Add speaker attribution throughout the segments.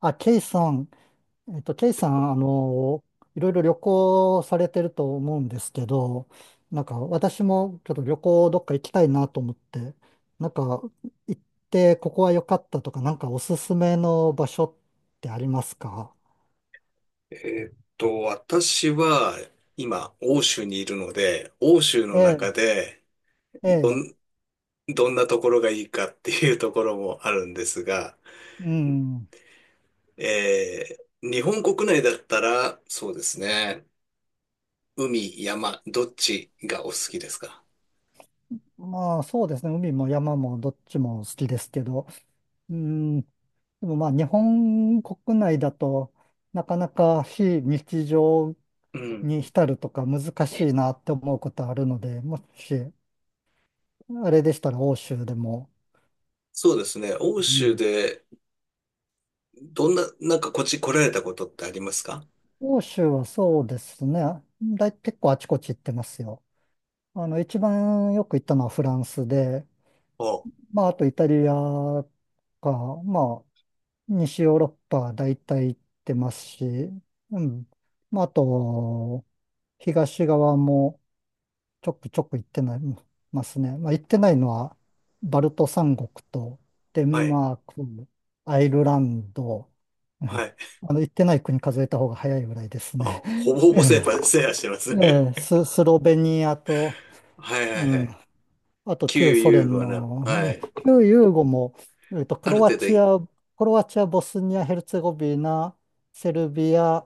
Speaker 1: あ、ケイさん、えっと、ケイさん、あの、いろいろ旅行されてると思うんですけど、なんか私もちょっと旅行どっか行きたいなと思って、なんか行ってここは良かったとか、なんかおすすめの場所ってありますか？
Speaker 2: 私は今、欧州にいるので、欧州
Speaker 1: え
Speaker 2: の
Speaker 1: え、
Speaker 2: 中で
Speaker 1: え
Speaker 2: ど
Speaker 1: え、
Speaker 2: ん、どんなところがいいかっていうところもあるんですが、
Speaker 1: うん。
Speaker 2: 日本国内だったら、そうですね、海、山、どっちがお好きですか？
Speaker 1: まあそうですね、海も山もどっちも好きですけど、うん、でもまあ日本国内だとなかなか非日常
Speaker 2: うん。
Speaker 1: に浸るとか難しいなって思うことあるので、もし、あれでしたら欧州でも。
Speaker 2: そうですね、欧
Speaker 1: う
Speaker 2: 州
Speaker 1: ん。
Speaker 2: で、どんな、なんかこっち来られたことってありますか？
Speaker 1: 欧州はそうですね。結構あちこち行ってますよ。一番よく行ったのはフランスで、
Speaker 2: お、
Speaker 1: まあ、あとイタリアか、まあ、西ヨーロッパ大体行ってますし、うん。まあ、あと、東側もちょくちょく行ってないますね。まあ、行ってないのは、バルト三国と、デ
Speaker 2: は
Speaker 1: ン
Speaker 2: い、
Speaker 1: マーク、アイルランド、う
Speaker 2: は
Speaker 1: ん
Speaker 2: い。
Speaker 1: 行ってない国数えた方が早いぐらいです
Speaker 2: あ、
Speaker 1: ね。
Speaker 2: ほぼほ
Speaker 1: え
Speaker 2: ぼセーファー、セ
Speaker 1: え、
Speaker 2: ーファーしてますね。
Speaker 1: スロベニアと、
Speaker 2: はいは
Speaker 1: う
Speaker 2: いは
Speaker 1: ん、
Speaker 2: い。
Speaker 1: あと
Speaker 2: 旧
Speaker 1: 旧ソ
Speaker 2: ユー
Speaker 1: 連
Speaker 2: ゴの、は
Speaker 1: の、
Speaker 2: い。
Speaker 1: ええ旧ユーゴも、ク
Speaker 2: ある
Speaker 1: ロア
Speaker 2: 程度
Speaker 1: チア、クロアチア、ボスニア、ヘルツェゴビナ、セルビア、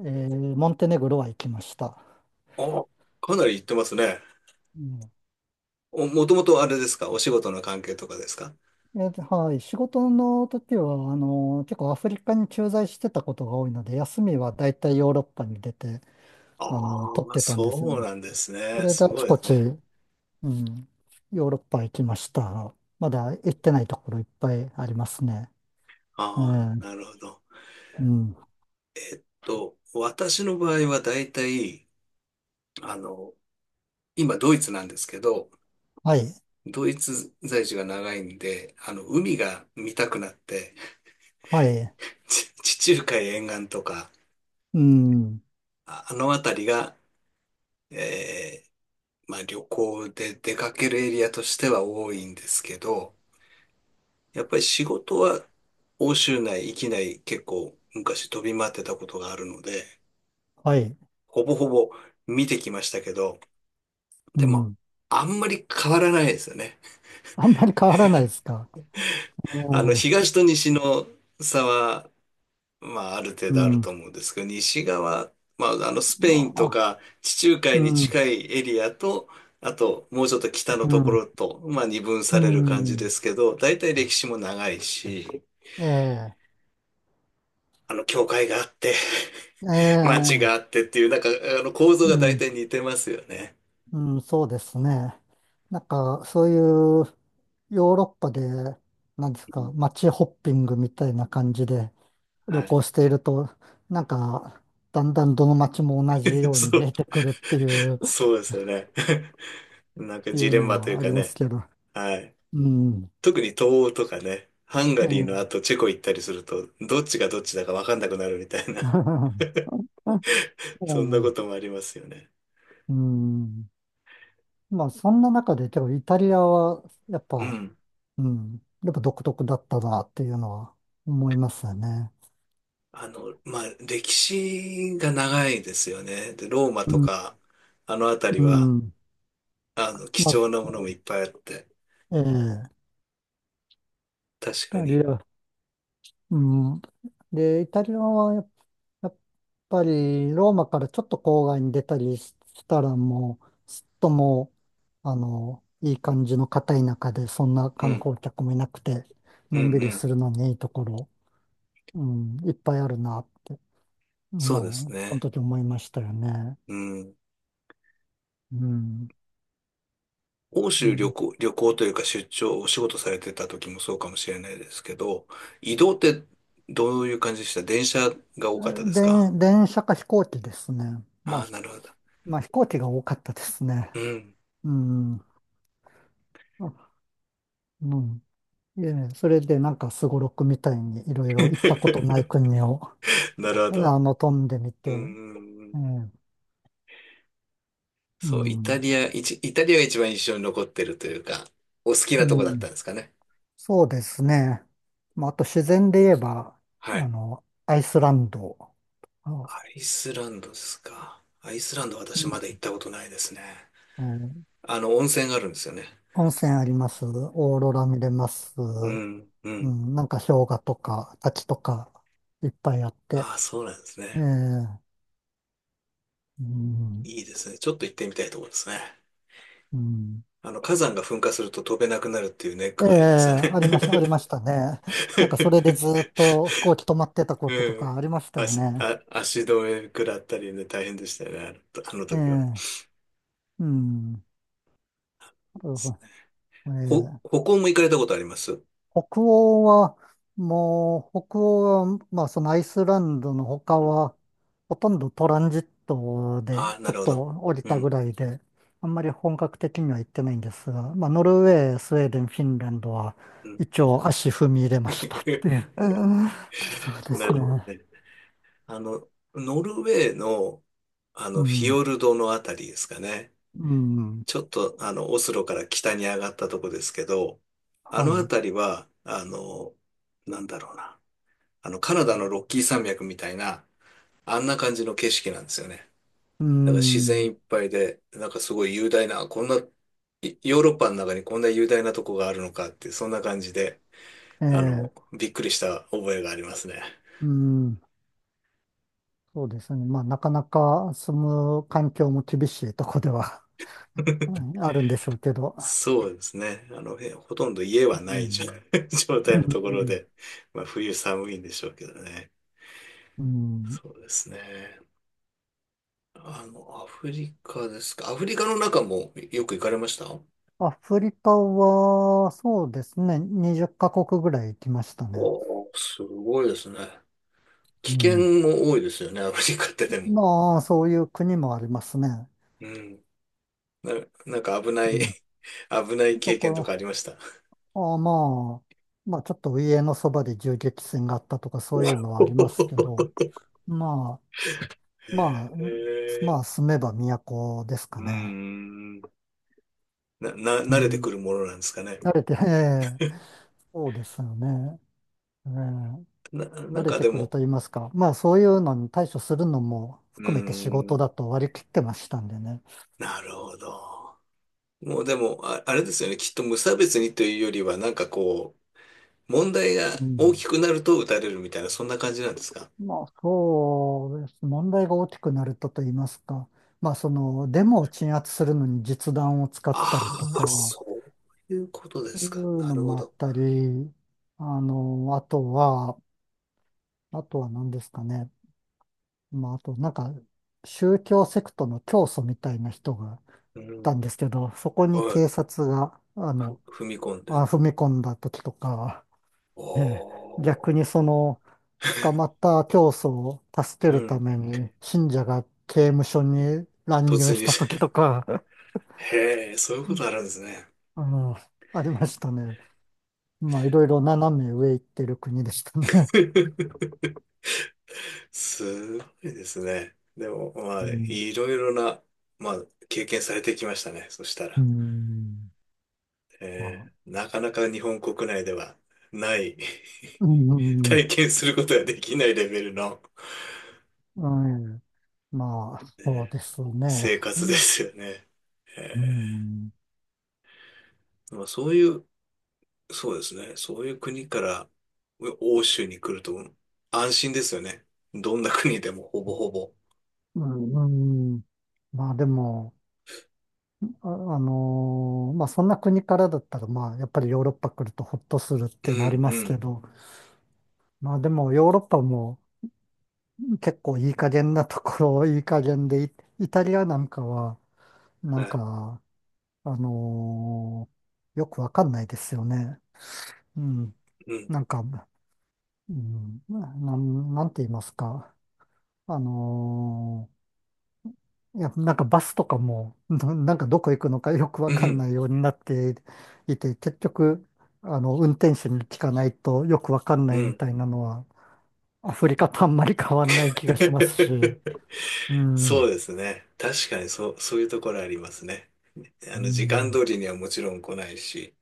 Speaker 1: ええモンテネグロは行きました。
Speaker 2: お、かなり行ってますね。
Speaker 1: うん
Speaker 2: お、もともとあれですか？お仕事の関係とかですか？
Speaker 1: はい。仕事の時は、結構アフリカに駐在してたことが多いので、休みは大体ヨーロッパに出て、
Speaker 2: あ
Speaker 1: 取っ
Speaker 2: あ、
Speaker 1: てたんですよ
Speaker 2: そう
Speaker 1: ね。
Speaker 2: なんです
Speaker 1: そ
Speaker 2: ね。
Speaker 1: れで
Speaker 2: す
Speaker 1: あ
Speaker 2: ご
Speaker 1: ち
Speaker 2: いで
Speaker 1: こ
Speaker 2: す
Speaker 1: ち、
Speaker 2: ね。
Speaker 1: うん、ヨーロッパ行きました。まだ行ってないところいっぱいありますね。ええ、
Speaker 2: ああ、なるほど。
Speaker 1: うん。
Speaker 2: と、私の場合は大体、あの、今ドイツなんですけど、
Speaker 1: はい。
Speaker 2: ドイツ在住が長いんで、あの、海が見たくなって、
Speaker 1: はい。
Speaker 2: 地中海沿岸とか、
Speaker 1: うん。
Speaker 2: あの辺りが、えーまあ旅行で出かけるエリアとしては多いんですけど、やっぱり仕事は欧州内、域内結構昔飛び回ってたことがあるので、
Speaker 1: はい。
Speaker 2: ほぼほぼ見てきましたけど、
Speaker 1: う
Speaker 2: でも
Speaker 1: ん。
Speaker 2: あんまり変わらないですよね。
Speaker 1: あんまり変わらないですか？え
Speaker 2: あの
Speaker 1: え、
Speaker 2: 東と西の差は、まあある程
Speaker 1: う
Speaker 2: 度あると
Speaker 1: ん。
Speaker 2: 思うんですけど、西側、まああのスペイ
Speaker 1: ま
Speaker 2: ンと
Speaker 1: あ、
Speaker 2: か地中
Speaker 1: う
Speaker 2: 海に
Speaker 1: ん。
Speaker 2: 近いエリアと、あともうちょっと北の
Speaker 1: う
Speaker 2: とこ
Speaker 1: ん。
Speaker 2: ろと、まあ二分
Speaker 1: う
Speaker 2: される感じで
Speaker 1: ん。
Speaker 2: すけど、大体歴史も長いし、
Speaker 1: ええ、
Speaker 2: あの教会があって、
Speaker 1: え
Speaker 2: 街
Speaker 1: え、
Speaker 2: があってっていう、なんか、あの、構造が
Speaker 1: う
Speaker 2: 大
Speaker 1: ん。
Speaker 2: 体似てますよね。
Speaker 1: うん、そうですね。なんか、そういうヨーロッパで、なんです
Speaker 2: う
Speaker 1: か、
Speaker 2: ん、
Speaker 1: 街ホッピングみたいな感じで旅
Speaker 2: はい。
Speaker 1: 行していると、なんか、だんだんどの街も同じ よう
Speaker 2: そ
Speaker 1: に見
Speaker 2: う、
Speaker 1: えてくるっていう、
Speaker 2: そうですよね。なんか
Speaker 1: い
Speaker 2: ジ
Speaker 1: う
Speaker 2: レン
Speaker 1: の
Speaker 2: マとい
Speaker 1: は
Speaker 2: う
Speaker 1: あり
Speaker 2: か
Speaker 1: ます
Speaker 2: ね。
Speaker 1: けど。
Speaker 2: はい。
Speaker 1: うん。
Speaker 2: 特に東欧とかね、ハンガ
Speaker 1: え
Speaker 2: リーの
Speaker 1: え
Speaker 2: 後チェコ行ったりすると、どっちがどっちだかわかんなくなるみたいな、
Speaker 1: う
Speaker 2: そんなこ
Speaker 1: ん
Speaker 2: ともありますよね。
Speaker 1: うん。まあ、そんな中で、けど、イタリアは、やっ
Speaker 2: う
Speaker 1: ぱ、
Speaker 2: ん。
Speaker 1: うん、やっぱ独特だったなっていうのは思いますよね。
Speaker 2: あの、まあ、歴史が長いですよね。で、ローマ
Speaker 1: う
Speaker 2: と
Speaker 1: ん。
Speaker 2: か、あの辺
Speaker 1: う
Speaker 2: りは、
Speaker 1: ん。
Speaker 2: あの、貴
Speaker 1: ま
Speaker 2: 重なものもいっ
Speaker 1: あ
Speaker 2: ぱいあって、
Speaker 1: ええ、
Speaker 2: 確
Speaker 1: イ
Speaker 2: か
Speaker 1: タリ
Speaker 2: に。
Speaker 1: ア、うん。で、イタリアはやっぱりローマからちょっと郊外に出たりしたらもう、すっともう、いい感じの片田舎で、そんな
Speaker 2: う
Speaker 1: 観
Speaker 2: ん、
Speaker 1: 光客もいなくて、
Speaker 2: う
Speaker 1: のんび
Speaker 2: ん、う
Speaker 1: り
Speaker 2: ん。
Speaker 1: するのにいいところ、うん、いっぱいあるなって、
Speaker 2: そうです
Speaker 1: もう、その
Speaker 2: ね。
Speaker 1: 時思いましたよね。
Speaker 2: うん。
Speaker 1: うん。
Speaker 2: 欧
Speaker 1: う
Speaker 2: 州旅
Speaker 1: ん
Speaker 2: 行、旅行というか出張、お仕事されてた時もそうかもしれないですけど、移動ってどういう感じでした？電車が多かったですか？
Speaker 1: 電車か飛行機ですね。ま
Speaker 2: あ
Speaker 1: あ、
Speaker 2: あー、なるほど。
Speaker 1: まあ飛行機が多かったですね。
Speaker 2: うん。
Speaker 1: うん。あうん。ええ、それでなんかすごろくみたいにいろいろ行ったことない 国を、
Speaker 2: なるほど。
Speaker 1: 飛んでみて、
Speaker 2: う
Speaker 1: え
Speaker 2: ん。
Speaker 1: え、う
Speaker 2: そう、イタ
Speaker 1: ん、
Speaker 2: リア、イチイタリアが一番印象に残ってるというか、お好き
Speaker 1: う
Speaker 2: なとこだった
Speaker 1: ん、
Speaker 2: んですかね。
Speaker 1: そうですね。まあ、あと自然で言えば、
Speaker 2: はい。
Speaker 1: アイスランド、
Speaker 2: ア
Speaker 1: あ
Speaker 2: イスランドですか。アイスランド私
Speaker 1: う
Speaker 2: ま
Speaker 1: ん
Speaker 2: だ行ったことないですね。
Speaker 1: ええ、
Speaker 2: あの、温泉があるんですよね。
Speaker 1: 温泉あります、オーロラ見れます、
Speaker 2: うん、う
Speaker 1: う
Speaker 2: ん。
Speaker 1: ん、なんか氷河とか滝とかいっぱいあって、
Speaker 2: ああ、そうなんです
Speaker 1: ええ、
Speaker 2: ね。
Speaker 1: うん、
Speaker 2: いいですね。ちょっと行ってみたいところですね。
Speaker 1: うん
Speaker 2: あの、火山が噴火すると飛べなくなるっていうネッ
Speaker 1: え
Speaker 2: ク
Speaker 1: え、
Speaker 2: がありますよね。
Speaker 1: ありましたね。なんかそれでずっ と飛行機止まってたことと
Speaker 2: うん。
Speaker 1: かありましたよ
Speaker 2: 足、
Speaker 1: ね。
Speaker 2: あ、足止め食らったりね、大変でしたよね、あのとあの
Speaker 1: え
Speaker 2: 時は。
Speaker 1: え、うん。なるほど
Speaker 2: ほ、
Speaker 1: ええ、
Speaker 2: 歩行も行かれたことあります？
Speaker 1: 北欧は、もう、北欧は、まあそのアイスランドの他は、ほとんどトランジットで
Speaker 2: ああー、
Speaker 1: ち
Speaker 2: な
Speaker 1: ょっ
Speaker 2: るほ
Speaker 1: と
Speaker 2: ど。
Speaker 1: 降り
Speaker 2: う
Speaker 1: た
Speaker 2: ん、
Speaker 1: ぐらいで、あんまり本格的には行ってないんですが、まあノルウェー、スウェーデン、フィンランドは
Speaker 2: うん、
Speaker 1: 一
Speaker 2: うん
Speaker 1: 応足踏み入れましたってい う。そうで
Speaker 2: な
Speaker 1: す
Speaker 2: るほど
Speaker 1: ね。
Speaker 2: ね。あの、ノルウェーの、あ
Speaker 1: う
Speaker 2: の、フィ
Speaker 1: ん。
Speaker 2: ヨルドのあたりですかね。
Speaker 1: うん。
Speaker 2: ちょっと、あの、オスロから北に上がったとこですけど、あ
Speaker 1: は
Speaker 2: のあ
Speaker 1: い。う
Speaker 2: たりは、あの、なんだろうな。あの、カナダのロッキー山脈みたいな、あんな感じの景色なんですよね。
Speaker 1: ー
Speaker 2: だから自然い
Speaker 1: ん。
Speaker 2: っぱいで、なんかすごい雄大な、こんな、ヨーロッパの中にこんな雄大なとこがあるのかって、そんな感じで、
Speaker 1: え
Speaker 2: あ
Speaker 1: え、
Speaker 2: の、びっくりした覚えがありますね。
Speaker 1: うーん。そうですね。まあ、なかなか住む環境も厳しいとこでは うんあるんでしょうけど。
Speaker 2: そうですね。あの、ほとんど家
Speaker 1: う
Speaker 2: はないじゃ
Speaker 1: ん。
Speaker 2: 状
Speaker 1: う
Speaker 2: 態のところ
Speaker 1: ん。
Speaker 2: で、まあ冬寒いんでしょうけどね。
Speaker 1: うん。
Speaker 2: そうですね。あの、アフリカですか。アフリカの中もよく行かれました？
Speaker 1: アフリカは、そうですね。20カ国ぐらい行きましたね。
Speaker 2: おー、すごいですね。危
Speaker 1: う
Speaker 2: 険
Speaker 1: ん。
Speaker 2: も多いですよね、アフリカってでも。
Speaker 1: まあ、そういう国もありますね。
Speaker 2: うん。な、なんか危な
Speaker 1: う
Speaker 2: い
Speaker 1: ん。
Speaker 2: 危ない
Speaker 1: と
Speaker 2: 経
Speaker 1: こ
Speaker 2: 験とかあり
Speaker 1: ろ、
Speaker 2: ました？
Speaker 1: あ、まあ、ちょっと家のそばで銃撃戦があったとか、そ
Speaker 2: お
Speaker 1: う いうのはありますけど、まあ、
Speaker 2: へ
Speaker 1: まあ、
Speaker 2: え、
Speaker 1: 住めば都ですか
Speaker 2: う
Speaker 1: ね。
Speaker 2: ん。な、な、
Speaker 1: う
Speaker 2: 慣れてく
Speaker 1: ん。
Speaker 2: るものなんですかね。
Speaker 1: 慣れて、ええそうですよね。ええ
Speaker 2: な、な
Speaker 1: 慣
Speaker 2: ん
Speaker 1: れ
Speaker 2: か
Speaker 1: て
Speaker 2: で
Speaker 1: くる
Speaker 2: も、
Speaker 1: と言いますか。まあ、そういうのに対処するのも
Speaker 2: う
Speaker 1: 含めて仕事
Speaker 2: ん。
Speaker 1: だと割り切ってましたんでね。
Speaker 2: なるほど。もうでも、あれですよね。きっと無差別にというよりは、なんかこう、問題が
Speaker 1: う
Speaker 2: 大き
Speaker 1: ん。
Speaker 2: くなると打たれるみたいな、そんな感じなんですか？
Speaker 1: まあ、そうです。問題が大きくなると言いますか。まあ、デモを鎮圧するのに実弾を使ったり
Speaker 2: あ
Speaker 1: とか、
Speaker 2: あ、
Speaker 1: そ
Speaker 2: そういうことで
Speaker 1: う
Speaker 2: す
Speaker 1: いう
Speaker 2: か。な
Speaker 1: の
Speaker 2: るほ
Speaker 1: もあっ
Speaker 2: ど。
Speaker 1: たり、あの、あとは、あとは何ですかね。まあ、あと、なんか、宗教セクトの教祖みたいな人が
Speaker 2: う
Speaker 1: いたん
Speaker 2: ん。
Speaker 1: ですけど、そこに
Speaker 2: は
Speaker 1: 警
Speaker 2: い、
Speaker 1: 察が、
Speaker 2: 踏み込んで。
Speaker 1: 踏み込んだ時とか、ええ逆
Speaker 2: お
Speaker 1: に
Speaker 2: ー。
Speaker 1: 捕 まった教祖を助け
Speaker 2: う
Speaker 1: るた
Speaker 2: ん。
Speaker 1: めに、信者が刑務所に乱
Speaker 2: 突
Speaker 1: 入し
Speaker 2: 入
Speaker 1: た
Speaker 2: し
Speaker 1: 時と
Speaker 2: て。
Speaker 1: か、
Speaker 2: へえ、そういう
Speaker 1: う
Speaker 2: こと
Speaker 1: ん
Speaker 2: あるんですね。
Speaker 1: あの、ありましたね。まあ、いろいろ斜め上行ってる国でしたね。
Speaker 2: すごいですね。でも、ま
Speaker 1: う
Speaker 2: あ、
Speaker 1: ん。
Speaker 2: いろいろな、まあ、経験されてきましたね。そした
Speaker 1: う
Speaker 2: ら。
Speaker 1: ん。まあ
Speaker 2: なかなか日本国内ではない
Speaker 1: うん。うん。
Speaker 2: 体験することができないレベルの、
Speaker 1: うんまあ、
Speaker 2: え
Speaker 1: そう
Speaker 2: ー
Speaker 1: ですね。
Speaker 2: 生
Speaker 1: う
Speaker 2: 活で
Speaker 1: ん。
Speaker 2: すよね。え
Speaker 1: うん。
Speaker 2: まあ、そういうそうですね。そういう国から欧州に来ると安心ですよね。どんな国でもほぼほぼ。
Speaker 1: うんまあでも、まあそんな国からだったら、まあやっぱりヨーロッパ来るとほっとするっ
Speaker 2: う
Speaker 1: てなり
Speaker 2: ん、
Speaker 1: ま
Speaker 2: う
Speaker 1: すけ
Speaker 2: ん。
Speaker 1: ど、まあでもヨーロッパも結構いい加減なところ、いい加減で、イタリアなんかは、なん
Speaker 2: はい。
Speaker 1: か、あのーよくわかんないですよね。うん。
Speaker 2: うん、
Speaker 1: なんか、うん、なんて言いますか。あのーいや、なんかバスとかも、なんかどこ行くのかよく
Speaker 2: う
Speaker 1: わかん
Speaker 2: ん、
Speaker 1: ないようになっていて、結局、運転手に聞かないとよくわかん
Speaker 2: う
Speaker 1: ないみ
Speaker 2: ん。
Speaker 1: たいなのは、アフリカとあんまり変わんない気がしますし、うん、
Speaker 2: そ
Speaker 1: う
Speaker 2: うですね。確かにそういうところありますね。あの、時間
Speaker 1: ん、
Speaker 2: 通りにはもちろん来ないし。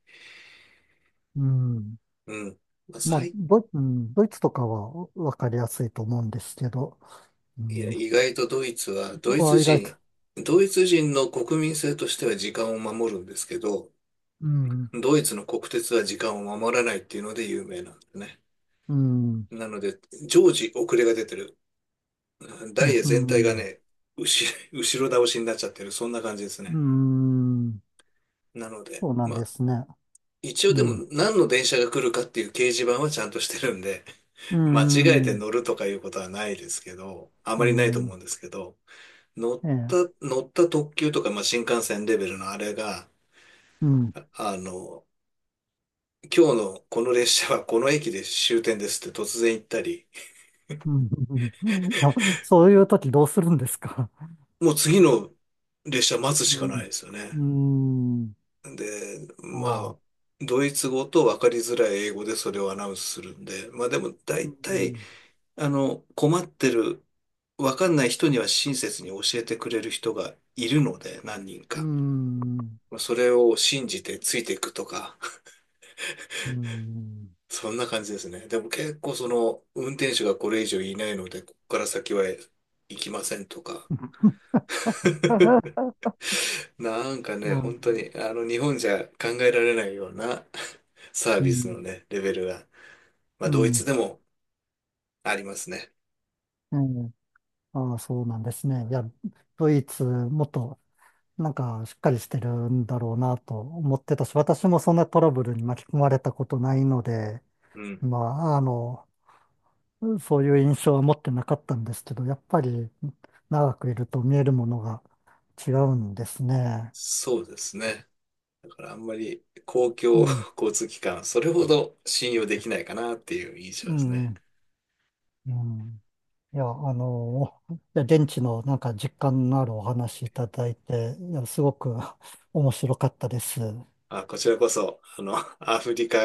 Speaker 1: うん。
Speaker 2: うん。まあ、
Speaker 1: まあ、ドイツとかはわかりやすいと思うんですけど、う
Speaker 2: いや、
Speaker 1: ん、
Speaker 2: 意外とドイツは、ドイツ
Speaker 1: は意外と、
Speaker 2: 人、ドイツ人の国民性としては時間を守るんですけど、
Speaker 1: うん、
Speaker 2: ドイツの国鉄は時間を守らないっていうので有名なんですね。
Speaker 1: うん、
Speaker 2: なので、常時遅れが出てる。
Speaker 1: う
Speaker 2: ダイ
Speaker 1: ん、
Speaker 2: エ
Speaker 1: う
Speaker 2: 全体が
Speaker 1: ん、
Speaker 2: ね、後、後ろ倒しになっちゃってる。そんな感じです
Speaker 1: う
Speaker 2: ね。
Speaker 1: ん
Speaker 2: なので、
Speaker 1: そうなん
Speaker 2: ま
Speaker 1: で
Speaker 2: あ、
Speaker 1: すね。
Speaker 2: 一
Speaker 1: う
Speaker 2: 応でも
Speaker 1: ん、
Speaker 2: 何の電車が来るかっていう掲示板はちゃんとしてるんで、
Speaker 1: う
Speaker 2: 間違えて
Speaker 1: ん、
Speaker 2: 乗るとかいうことはないですけど、あ
Speaker 1: う
Speaker 2: まりないと思う
Speaker 1: ん、
Speaker 2: んですけど、乗った、
Speaker 1: ええ
Speaker 2: 乗った特急とか、まあ、新幹線レベルのあれが、
Speaker 1: うん。
Speaker 2: あの、今日のこの列車はこの駅で終点ですって突然言ったり、
Speaker 1: うん。うんいや、そういう時どうするんですか？
Speaker 2: もう次の列車待つし
Speaker 1: う
Speaker 2: かな
Speaker 1: ん。
Speaker 2: いですよ
Speaker 1: う
Speaker 2: ね。
Speaker 1: ん。
Speaker 2: で、
Speaker 1: あ
Speaker 2: ま
Speaker 1: あ。
Speaker 2: あ、ドイツ語と分かりづらい英語でそれをアナウンスするんで、まあでも
Speaker 1: う
Speaker 2: 大体、
Speaker 1: ん。
Speaker 2: あの、困ってる、分かんない人には親切に教えてくれる人がいるので、何人
Speaker 1: う
Speaker 2: か。
Speaker 1: ん。
Speaker 2: まあそれを信じてついていくとか、
Speaker 1: うん。うん。
Speaker 2: そんな感じですね。でも結構その、運転手がこれ以上いないので、ここから先は行きませんとか。なんかね、本当に、あの、日本じゃ考えられないような サー
Speaker 1: う
Speaker 2: ビスの
Speaker 1: ん。
Speaker 2: ね、レベルが、ま
Speaker 1: う
Speaker 2: あ、ドイツ
Speaker 1: ん
Speaker 2: でもありますね。
Speaker 1: ええああ、そうなんですね。いや、ドイツ、もっと、なんか、しっかりしてるんだろうなと思ってたし、私もそんなトラブルに巻き込まれたことないので、
Speaker 2: うん。
Speaker 1: まあ、そういう印象は持ってなかったんですけど、やっぱり長くいると見えるものが違うんですね。
Speaker 2: そうですね。だからあんまり公
Speaker 1: う
Speaker 2: 共
Speaker 1: ん、
Speaker 2: 交通機関、それほど信用できないかなっていう印象
Speaker 1: う
Speaker 2: ですね。
Speaker 1: ん、うん。いや、いや現地のなんか実感のあるお話いただいて、いや、すごく 面白かったです。
Speaker 2: あ、こちらこそ、あの、アフリカ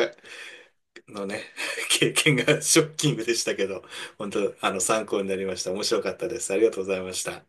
Speaker 2: のね、経験がショッキングでしたけど、本当、あの、参考になりました。面白かったです。ありがとうございました。